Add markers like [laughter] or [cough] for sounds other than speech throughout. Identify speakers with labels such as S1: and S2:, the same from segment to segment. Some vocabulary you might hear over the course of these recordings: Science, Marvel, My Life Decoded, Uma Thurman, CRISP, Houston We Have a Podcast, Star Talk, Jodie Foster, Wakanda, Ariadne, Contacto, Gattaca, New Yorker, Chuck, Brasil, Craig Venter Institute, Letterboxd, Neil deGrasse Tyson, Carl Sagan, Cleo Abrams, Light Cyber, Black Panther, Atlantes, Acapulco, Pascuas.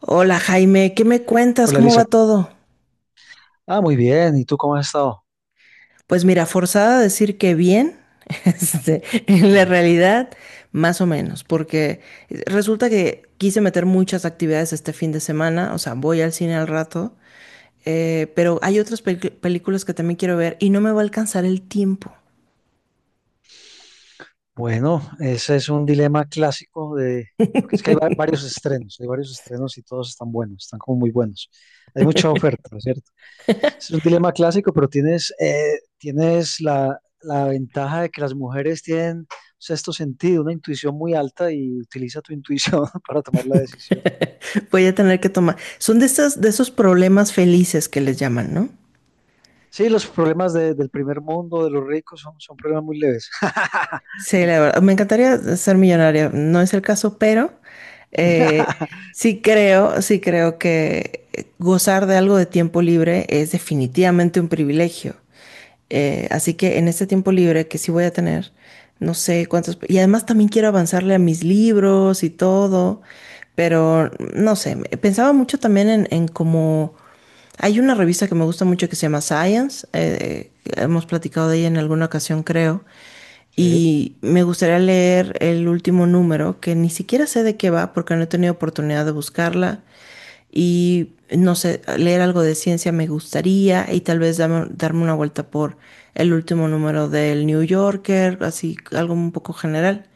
S1: Hola Jaime, ¿qué me cuentas?
S2: Hola,
S1: ¿Cómo
S2: Lisa.
S1: va todo?
S2: Ah, muy bien. ¿Y tú cómo has estado?
S1: Pues mira, forzada a decir que bien, [laughs] en la realidad, más o menos, porque resulta que quise meter muchas actividades este fin de semana, o sea, voy al cine al rato, pero hay otras películas que también quiero ver y no me va a alcanzar el tiempo.
S2: Bueno, ese es un dilema clásico de, porque es que hay varios estrenos, hay varios estrenos y todos están buenos, están como muy buenos. Hay mucha oferta, ¿no?, ¿cierto? Es un dilema clásico, pero tienes la ventaja de que las mujeres tienen sexto sentido, una intuición muy alta y utiliza tu intuición [laughs] para tomar la decisión.
S1: [laughs] Voy a tener que tomar. Son de esas, de esos problemas felices que les llaman, ¿no?
S2: Sí, los problemas del primer mundo, de los ricos, son problemas muy leves.
S1: Sí, la verdad, me encantaría ser millonaria, no es el caso, pero eh,
S2: [laughs]
S1: sí creo que gozar de algo de tiempo libre es definitivamente un privilegio. Así que en este tiempo libre que sí voy a tener, no sé cuántos, y además también quiero avanzarle a mis libros y todo, pero no sé, pensaba mucho también en, cómo hay una revista que me gusta mucho que se llama Science, hemos platicado de ella en alguna ocasión, creo,
S2: Sí.
S1: y me gustaría leer el último número, que ni siquiera sé de qué va porque no he tenido oportunidad de buscarla, y no sé, leer algo de ciencia me gustaría, y tal vez darme una vuelta por el último número del New Yorker, así algo un poco general,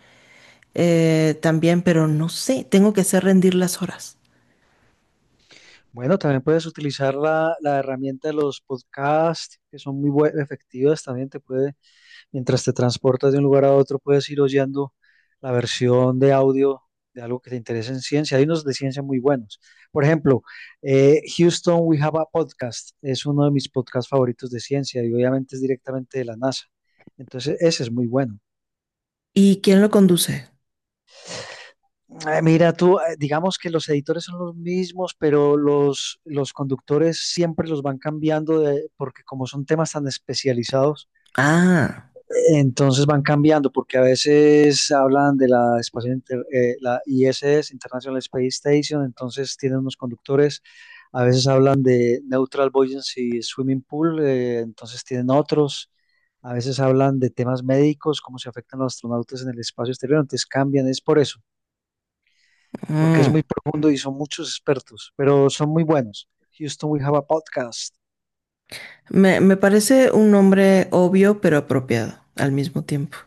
S1: también, pero no sé, tengo que hacer rendir las horas.
S2: Bueno, también puedes utilizar la herramienta de los podcasts, que son muy efectivas. También te puede, mientras te transportas de un lugar a otro, puedes ir oyendo la versión de audio de algo que te interese en ciencia. Hay unos de ciencia muy buenos. Por ejemplo, Houston We Have a Podcast es uno de mis podcasts favoritos de ciencia y obviamente es directamente de la NASA. Entonces, ese es muy bueno.
S1: ¿Y quién lo conduce?
S2: Mira, tú, digamos que los editores son los mismos, pero los conductores siempre los van cambiando porque como son temas tan especializados,
S1: Ah.
S2: entonces van cambiando porque a veces hablan de espacio la ISS, International Space Station, entonces tienen unos conductores, a veces hablan de Neutral Buoyancy Swimming Pool, entonces tienen otros, a veces hablan de temas médicos, cómo se afectan los astronautas en el espacio exterior, entonces cambian, es por eso porque es
S1: Mm.
S2: muy profundo y son muchos expertos, pero son muy buenos. Houston We Have a Podcast.
S1: Me parece un nombre obvio pero apropiado al mismo tiempo.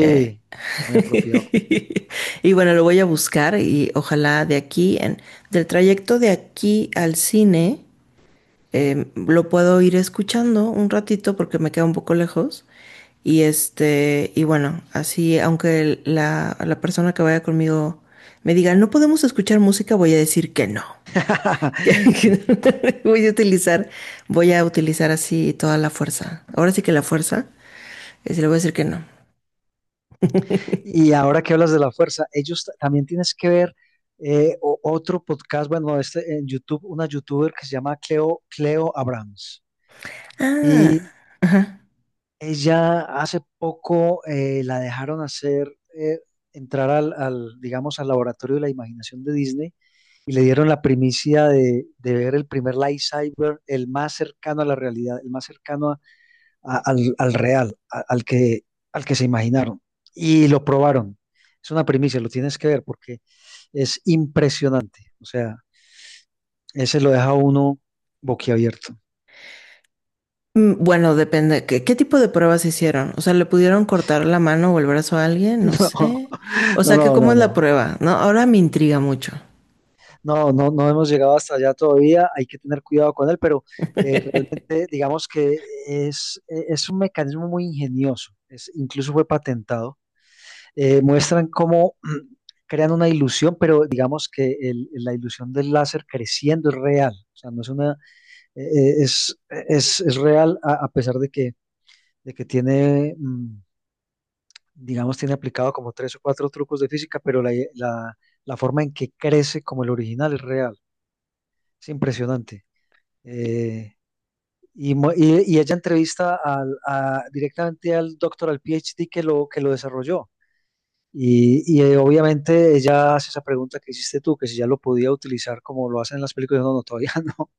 S1: Eh,
S2: muy apropiado.
S1: [laughs] Y bueno, lo voy a buscar y ojalá de aquí, del trayecto de aquí al cine, lo puedo ir escuchando un ratito porque me queda un poco lejos. Y bueno, así, aunque la persona que vaya conmigo me diga, no podemos escuchar música, voy a decir que no. [laughs]
S2: [laughs]
S1: que voy a utilizar así toda la fuerza. Ahora sí que la fuerza, sí le voy a decir que no.
S2: Y ahora que hablas de la fuerza, ellos también tienes que ver otro podcast, bueno, este en YouTube, una youtuber que se llama Cleo, Cleo Abrams.
S1: Ah,
S2: Y
S1: ajá.
S2: ella hace poco la dejaron hacer, eh, entrar digamos, al laboratorio de la imaginación de Disney y le dieron la primicia de ver el primer Light Cyber, el más cercano a la realidad, el más cercano al real, al que se imaginaron. Y lo probaron. Es una primicia, lo tienes que ver porque es impresionante. O sea, ese lo deja uno boquiabierto.
S1: Mm. Bueno, depende. ¿Qué tipo de pruebas hicieron? O sea, ¿le pudieron cortar la mano o el brazo a alguien? No
S2: [laughs] No,
S1: sé.
S2: no,
S1: O sea, que
S2: no,
S1: cómo
S2: no,
S1: es la
S2: no,
S1: prueba, ¿no? Ahora me intriga mucho.
S2: no, no hemos llegado hasta allá todavía, hay que tener cuidado con él, pero realmente digamos que es un mecanismo muy ingenioso, incluso fue patentado, muestran cómo crean una ilusión, pero digamos que la ilusión del láser creciendo es real, o sea, no es una, es real a pesar de que tiene, digamos, tiene aplicado como tres o cuatro trucos de física, pero la forma en que crece como el original es real, es impresionante. Eh, y ella entrevista directamente al doctor, al PhD que lo desarrolló. Obviamente ella hace esa pregunta que hiciste tú, que si ya lo podía utilizar como lo hacen en las películas. No, no, todavía [laughs] no.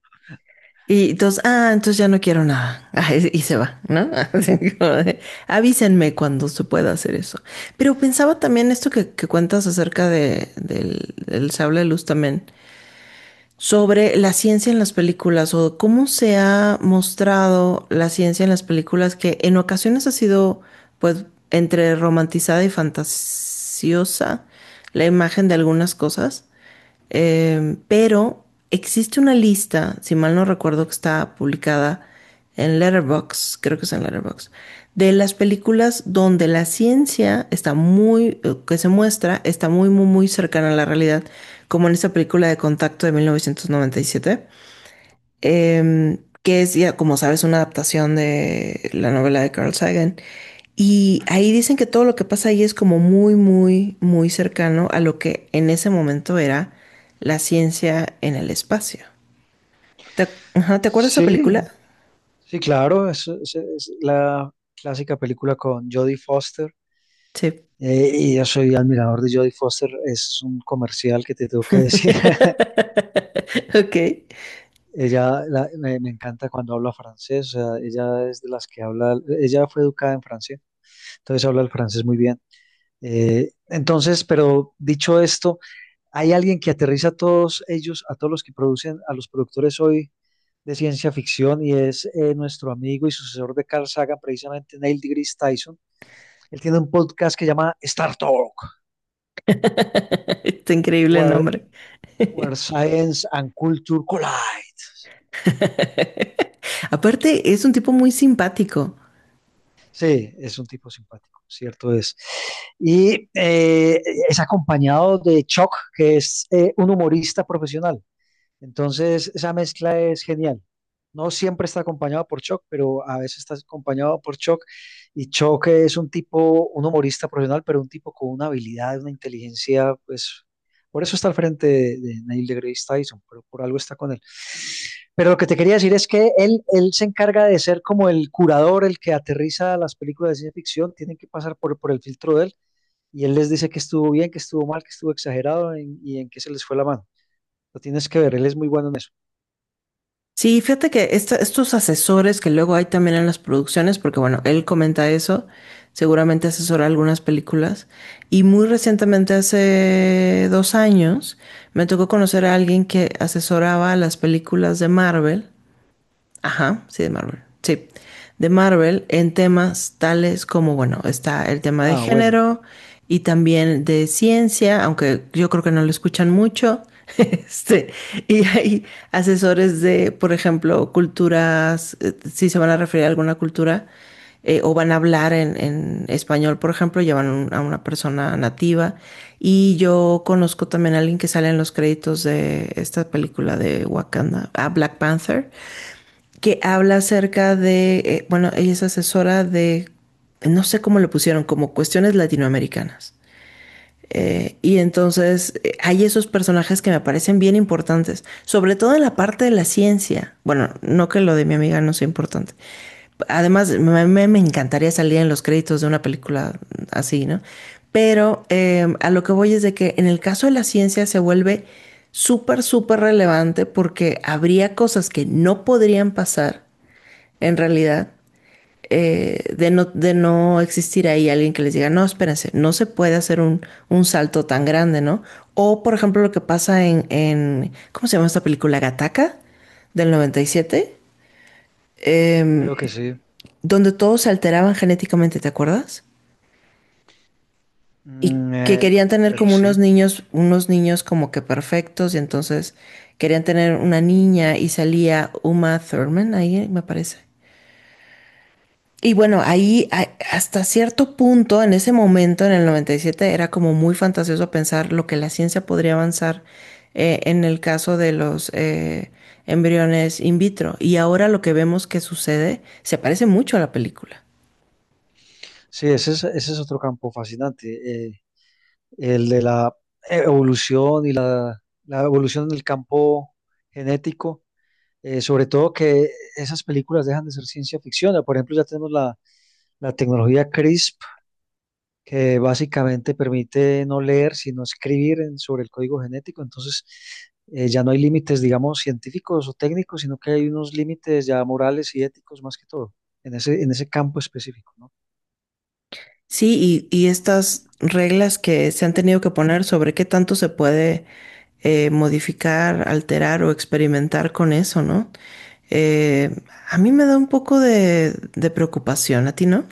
S1: Y entonces ya no quiero nada. [laughs] Ah, y se va, ¿no? [laughs] Así como de, avísenme cuando se pueda hacer eso. Pero pensaba también esto que cuentas acerca del sable de luz también. Sobre la ciencia en las películas o cómo se ha mostrado la ciencia en las películas que en ocasiones ha sido pues entre romantizada y fantasiosa la imagen de algunas cosas. Pero existe una lista, si mal no recuerdo, que está publicada en Letterboxd, creo que es en Letterboxd, de las películas donde la ciencia está muy, que se muestra, está muy, muy, muy cercana a la realidad, como en esta película de Contacto de 1997, que es, ya como sabes, una adaptación de la novela de Carl Sagan. Y ahí dicen que todo lo que pasa ahí es como muy, muy, muy cercano a lo que en ese momento era la ciencia en el espacio. Ajá. ¿Te acuerdas de esa
S2: Sí,
S1: película?
S2: sí, claro, es la clásica película con Jodie Foster.
S1: Sí.
S2: Y yo soy admirador de Jodie Foster, es un comercial que te tengo que decir. [laughs]
S1: [laughs] Ok.
S2: Ella me encanta cuando habla francés, o sea, ella es de las que habla, ella fue educada en Francia, entonces habla el francés muy bien. Entonces, pero dicho esto, hay alguien que aterriza a todos ellos, a todos los que producen, a los productores hoy de ciencia ficción, y es nuestro amigo y sucesor de Carl Sagan, precisamente Neil deGrasse Tyson. Él tiene un podcast que llama Star Talk,
S1: [laughs] Está increíble el
S2: where,
S1: nombre.
S2: where Science and Culture Collide.
S1: Aparte, es un tipo muy simpático.
S2: Sí, es un tipo simpático, cierto es. Y eh, es acompañado de Chuck, que es un humorista profesional. Entonces, esa mezcla es genial. No siempre está acompañado por Chuck, pero a veces está acompañado por Chuck. Y Chuck es un tipo, un humorista profesional, pero un tipo con una habilidad, una inteligencia, pues por eso está al frente de Neil deGrasse Tyson, pero por algo está con él. Pero lo que te quería decir es que él se encarga de ser como el curador, el que aterriza las películas de ciencia ficción, tienen que pasar por el filtro de él y él les dice que estuvo bien, que estuvo mal, que estuvo exagerado y en qué se les fue la mano. Lo tienes que ver, él es muy bueno en eso.
S1: Sí, fíjate que estos asesores que luego hay también en las producciones, porque bueno, él comenta eso, seguramente asesora algunas películas, y muy recientemente, hace 2 años, me tocó conocer a alguien que asesoraba las películas de Marvel. Ajá, sí, de Marvel. Sí, de Marvel en temas tales como, bueno, está el tema de
S2: Ah, bueno,
S1: género y también de ciencia, aunque yo creo que no lo escuchan mucho. [laughs] Este, y hay asesores de, por ejemplo, culturas, si se van a referir a alguna cultura, o van a hablar en, español, por ejemplo, llevan a una persona nativa. Y yo conozco también a alguien que sale en los créditos de esta película de Wakanda, a Black Panther, que habla acerca de, bueno, ella es asesora de, no sé cómo lo pusieron, como cuestiones latinoamericanas. Y entonces hay esos personajes que me parecen bien importantes, sobre todo en la parte de la ciencia. Bueno, no que lo de mi amiga no sea importante. Además, me encantaría salir en los créditos de una película así, ¿no? Pero a lo que voy es de que en el caso de la ciencia se vuelve súper, súper relevante porque habría cosas que no podrían pasar en realidad, de no existir ahí alguien que les diga, no, espérense, no se puede hacer un salto tan grande, ¿no? O, por ejemplo, lo que pasa en, ¿cómo se llama esta película? Gattaca del 97, eh,
S2: creo que sí.
S1: donde todos se alteraban genéticamente, ¿te acuerdas? Y
S2: Mm,
S1: que querían tener
S2: bueno,
S1: como
S2: sí.
S1: unos niños como que perfectos, y entonces querían tener una niña y salía Uma Thurman ahí, me parece. Y bueno, ahí hasta cierto punto, en ese momento, en el 97 era como muy fantasioso pensar lo que la ciencia podría avanzar, en el caso de los embriones in vitro. Y ahora lo que vemos que sucede se parece mucho a la película.
S2: Sí, ese es otro campo fascinante, el de la evolución y la evolución en el campo genético, sobre todo que esas películas dejan de ser ciencia ficción. Por ejemplo, ya tenemos la tecnología CRISP, que básicamente permite no leer, sino escribir sobre el código genético. Entonces, ya no hay límites, digamos, científicos o técnicos, sino que hay unos límites ya morales y éticos más que todo, en ese campo específico, ¿no?
S1: Sí, y estas reglas que se han tenido que poner sobre qué tanto se puede modificar, alterar o experimentar con eso, ¿no? Eh, a mí me da un poco de preocupación, ¿a ti no?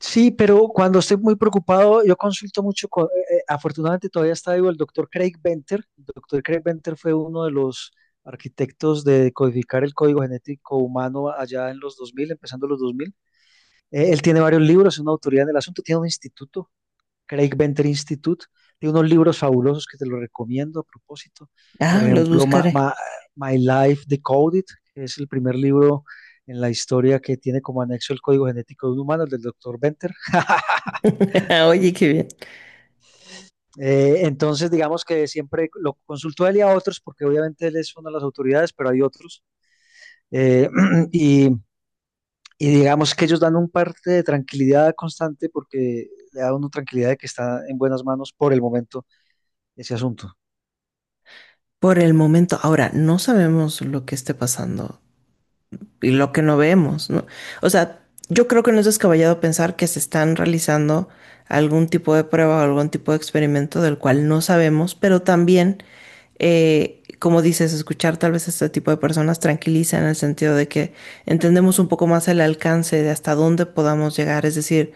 S2: Sí, pero cuando estoy muy preocupado, yo consulto mucho con, afortunadamente todavía está vivo el doctor Craig Venter. El doctor Craig Venter fue uno de los arquitectos de codificar el código genético humano allá en los 2000 empezando los 2000. Él tiene varios libros, es una autoridad en el asunto, tiene un instituto Craig Venter Institute, de unos libros fabulosos que te los recomiendo a propósito. Por
S1: Ah, los
S2: ejemplo,
S1: buscaré.
S2: My Life Decoded, que es el primer libro en la historia que tiene como anexo el código genético de un humano, el del doctor Venter.
S1: [laughs] Oye, qué bien.
S2: Entonces, digamos que siempre lo consultó él y a otros, porque obviamente él es una de las autoridades, pero hay otros. Eh, [clears throat] y, y digamos que ellos dan un parte de tranquilidad constante porque le da una tranquilidad de que está en buenas manos por el momento ese asunto.
S1: Por el momento, ahora no sabemos lo que esté pasando y lo que no vemos, ¿no? O sea, yo creo que no es descabellado pensar que se están realizando algún tipo de prueba o algún tipo de experimento del cual no sabemos, pero también, como dices, escuchar tal vez a este tipo de personas tranquiliza en el sentido de que entendemos un poco más el alcance de hasta dónde podamos llegar. Es decir,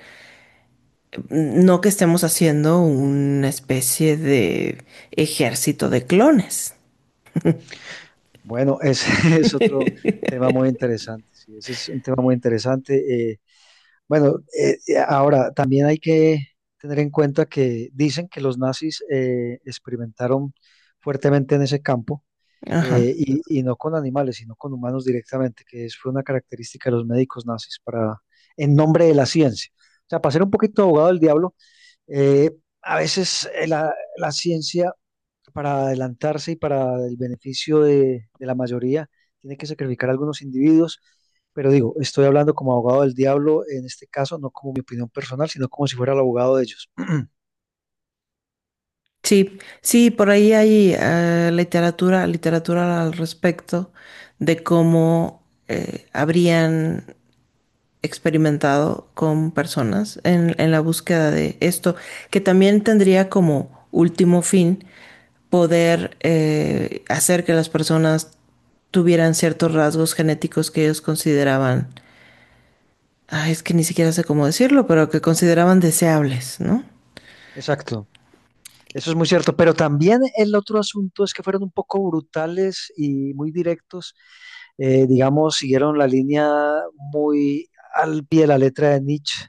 S1: no que estemos haciendo una especie de ejército de clones.
S2: Bueno, ese [laughs] es otro tema muy interesante, sí, ese es un tema muy interesante. Bueno, ahora también hay que tener en cuenta que dicen que los nazis experimentaron fuertemente en ese campo,
S1: Ajá.
S2: y no con animales, sino con humanos directamente, que fue una característica de los médicos nazis para, en nombre de la ciencia. O sea, para ser un poquito abogado del diablo, eh, a veces la ciencia para adelantarse y para el beneficio de la mayoría, tiene que sacrificar a algunos individuos, pero digo, estoy hablando como abogado del diablo en este caso, no como mi opinión personal, sino como si fuera el abogado de ellos.
S1: Sí, sí, por ahí hay literatura, literatura al respecto de cómo habrían experimentado con personas en, la búsqueda de esto, que también tendría como último fin poder hacer que las personas tuvieran ciertos rasgos genéticos que ellos consideraban, ay, es que ni siquiera sé cómo decirlo, pero que consideraban deseables, ¿no?
S2: Exacto. Eso es muy cierto, pero también el otro asunto es que fueron un poco brutales y muy directos, digamos, siguieron la línea muy al pie de la letra de Nietzsche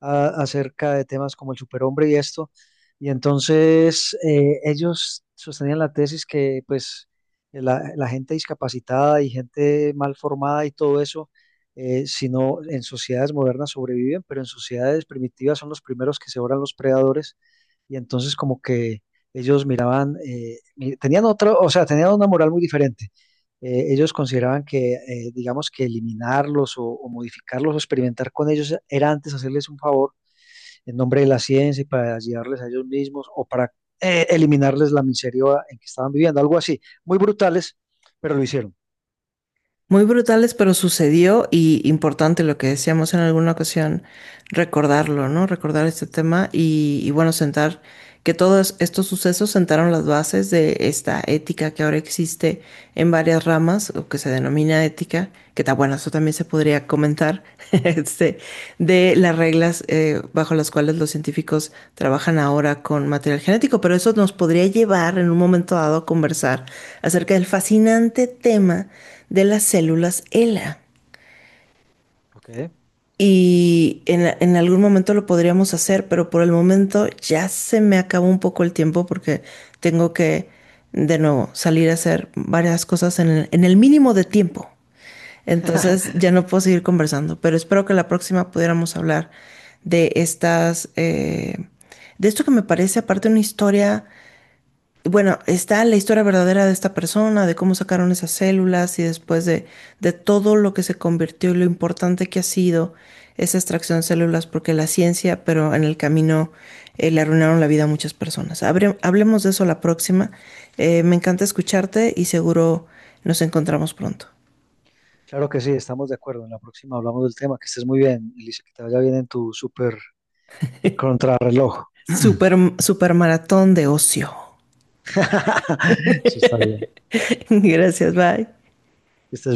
S2: acerca de temas como el superhombre y esto. Y entonces ellos sostenían la tesis que pues la gente discapacitada y gente mal formada y todo eso, si no en sociedades modernas sobreviven, pero en sociedades primitivas son los primeros que se oran los predadores. Y entonces como que ellos miraban, tenían otra, o sea, tenían una moral muy diferente. Ellos consideraban que, digamos, que eliminarlos o modificarlos o experimentar con ellos era antes hacerles un favor en nombre de la ciencia y para ayudarles a ellos mismos o para eliminarles la miseria en que estaban viviendo, algo así. Muy brutales, pero lo hicieron.
S1: Muy brutales, pero sucedió, y importante lo que decíamos en alguna ocasión, recordarlo, ¿no? Recordar este tema y, bueno, sentar que todos estos sucesos sentaron las bases de esta ética que ahora existe en varias ramas o que se denomina ética, que está bueno, eso también se podría comentar, [laughs] este, de las reglas bajo las cuales los científicos trabajan ahora con material genético, pero eso nos podría llevar en un momento dado a conversar acerca del fascinante tema de las células ELA.
S2: Ok.
S1: Y en, algún momento lo podríamos hacer, pero por el momento ya se me acabó un poco el tiempo porque tengo que, de nuevo, salir a hacer varias cosas en el mínimo de tiempo. Entonces
S2: [laughs]
S1: ya no puedo seguir conversando, pero espero que la próxima pudiéramos hablar de estas, de esto que me parece aparte una historia. Bueno, está la historia verdadera de esta persona, de cómo sacaron esas células y después de todo lo que se convirtió y lo importante que ha sido esa extracción de células, porque la ciencia, pero en el camino, le arruinaron la vida a muchas personas. Hablemos de eso la próxima. Me encanta escucharte y seguro nos encontramos pronto.
S2: Claro que sí, estamos de acuerdo. En la próxima hablamos del tema. Que estés muy bien, Elisa, que te vaya bien en tu super contrarreloj.
S1: Super, super maratón de ocio.
S2: [clears throat] Sí está bien.
S1: [laughs] Gracias, bye.
S2: Que estés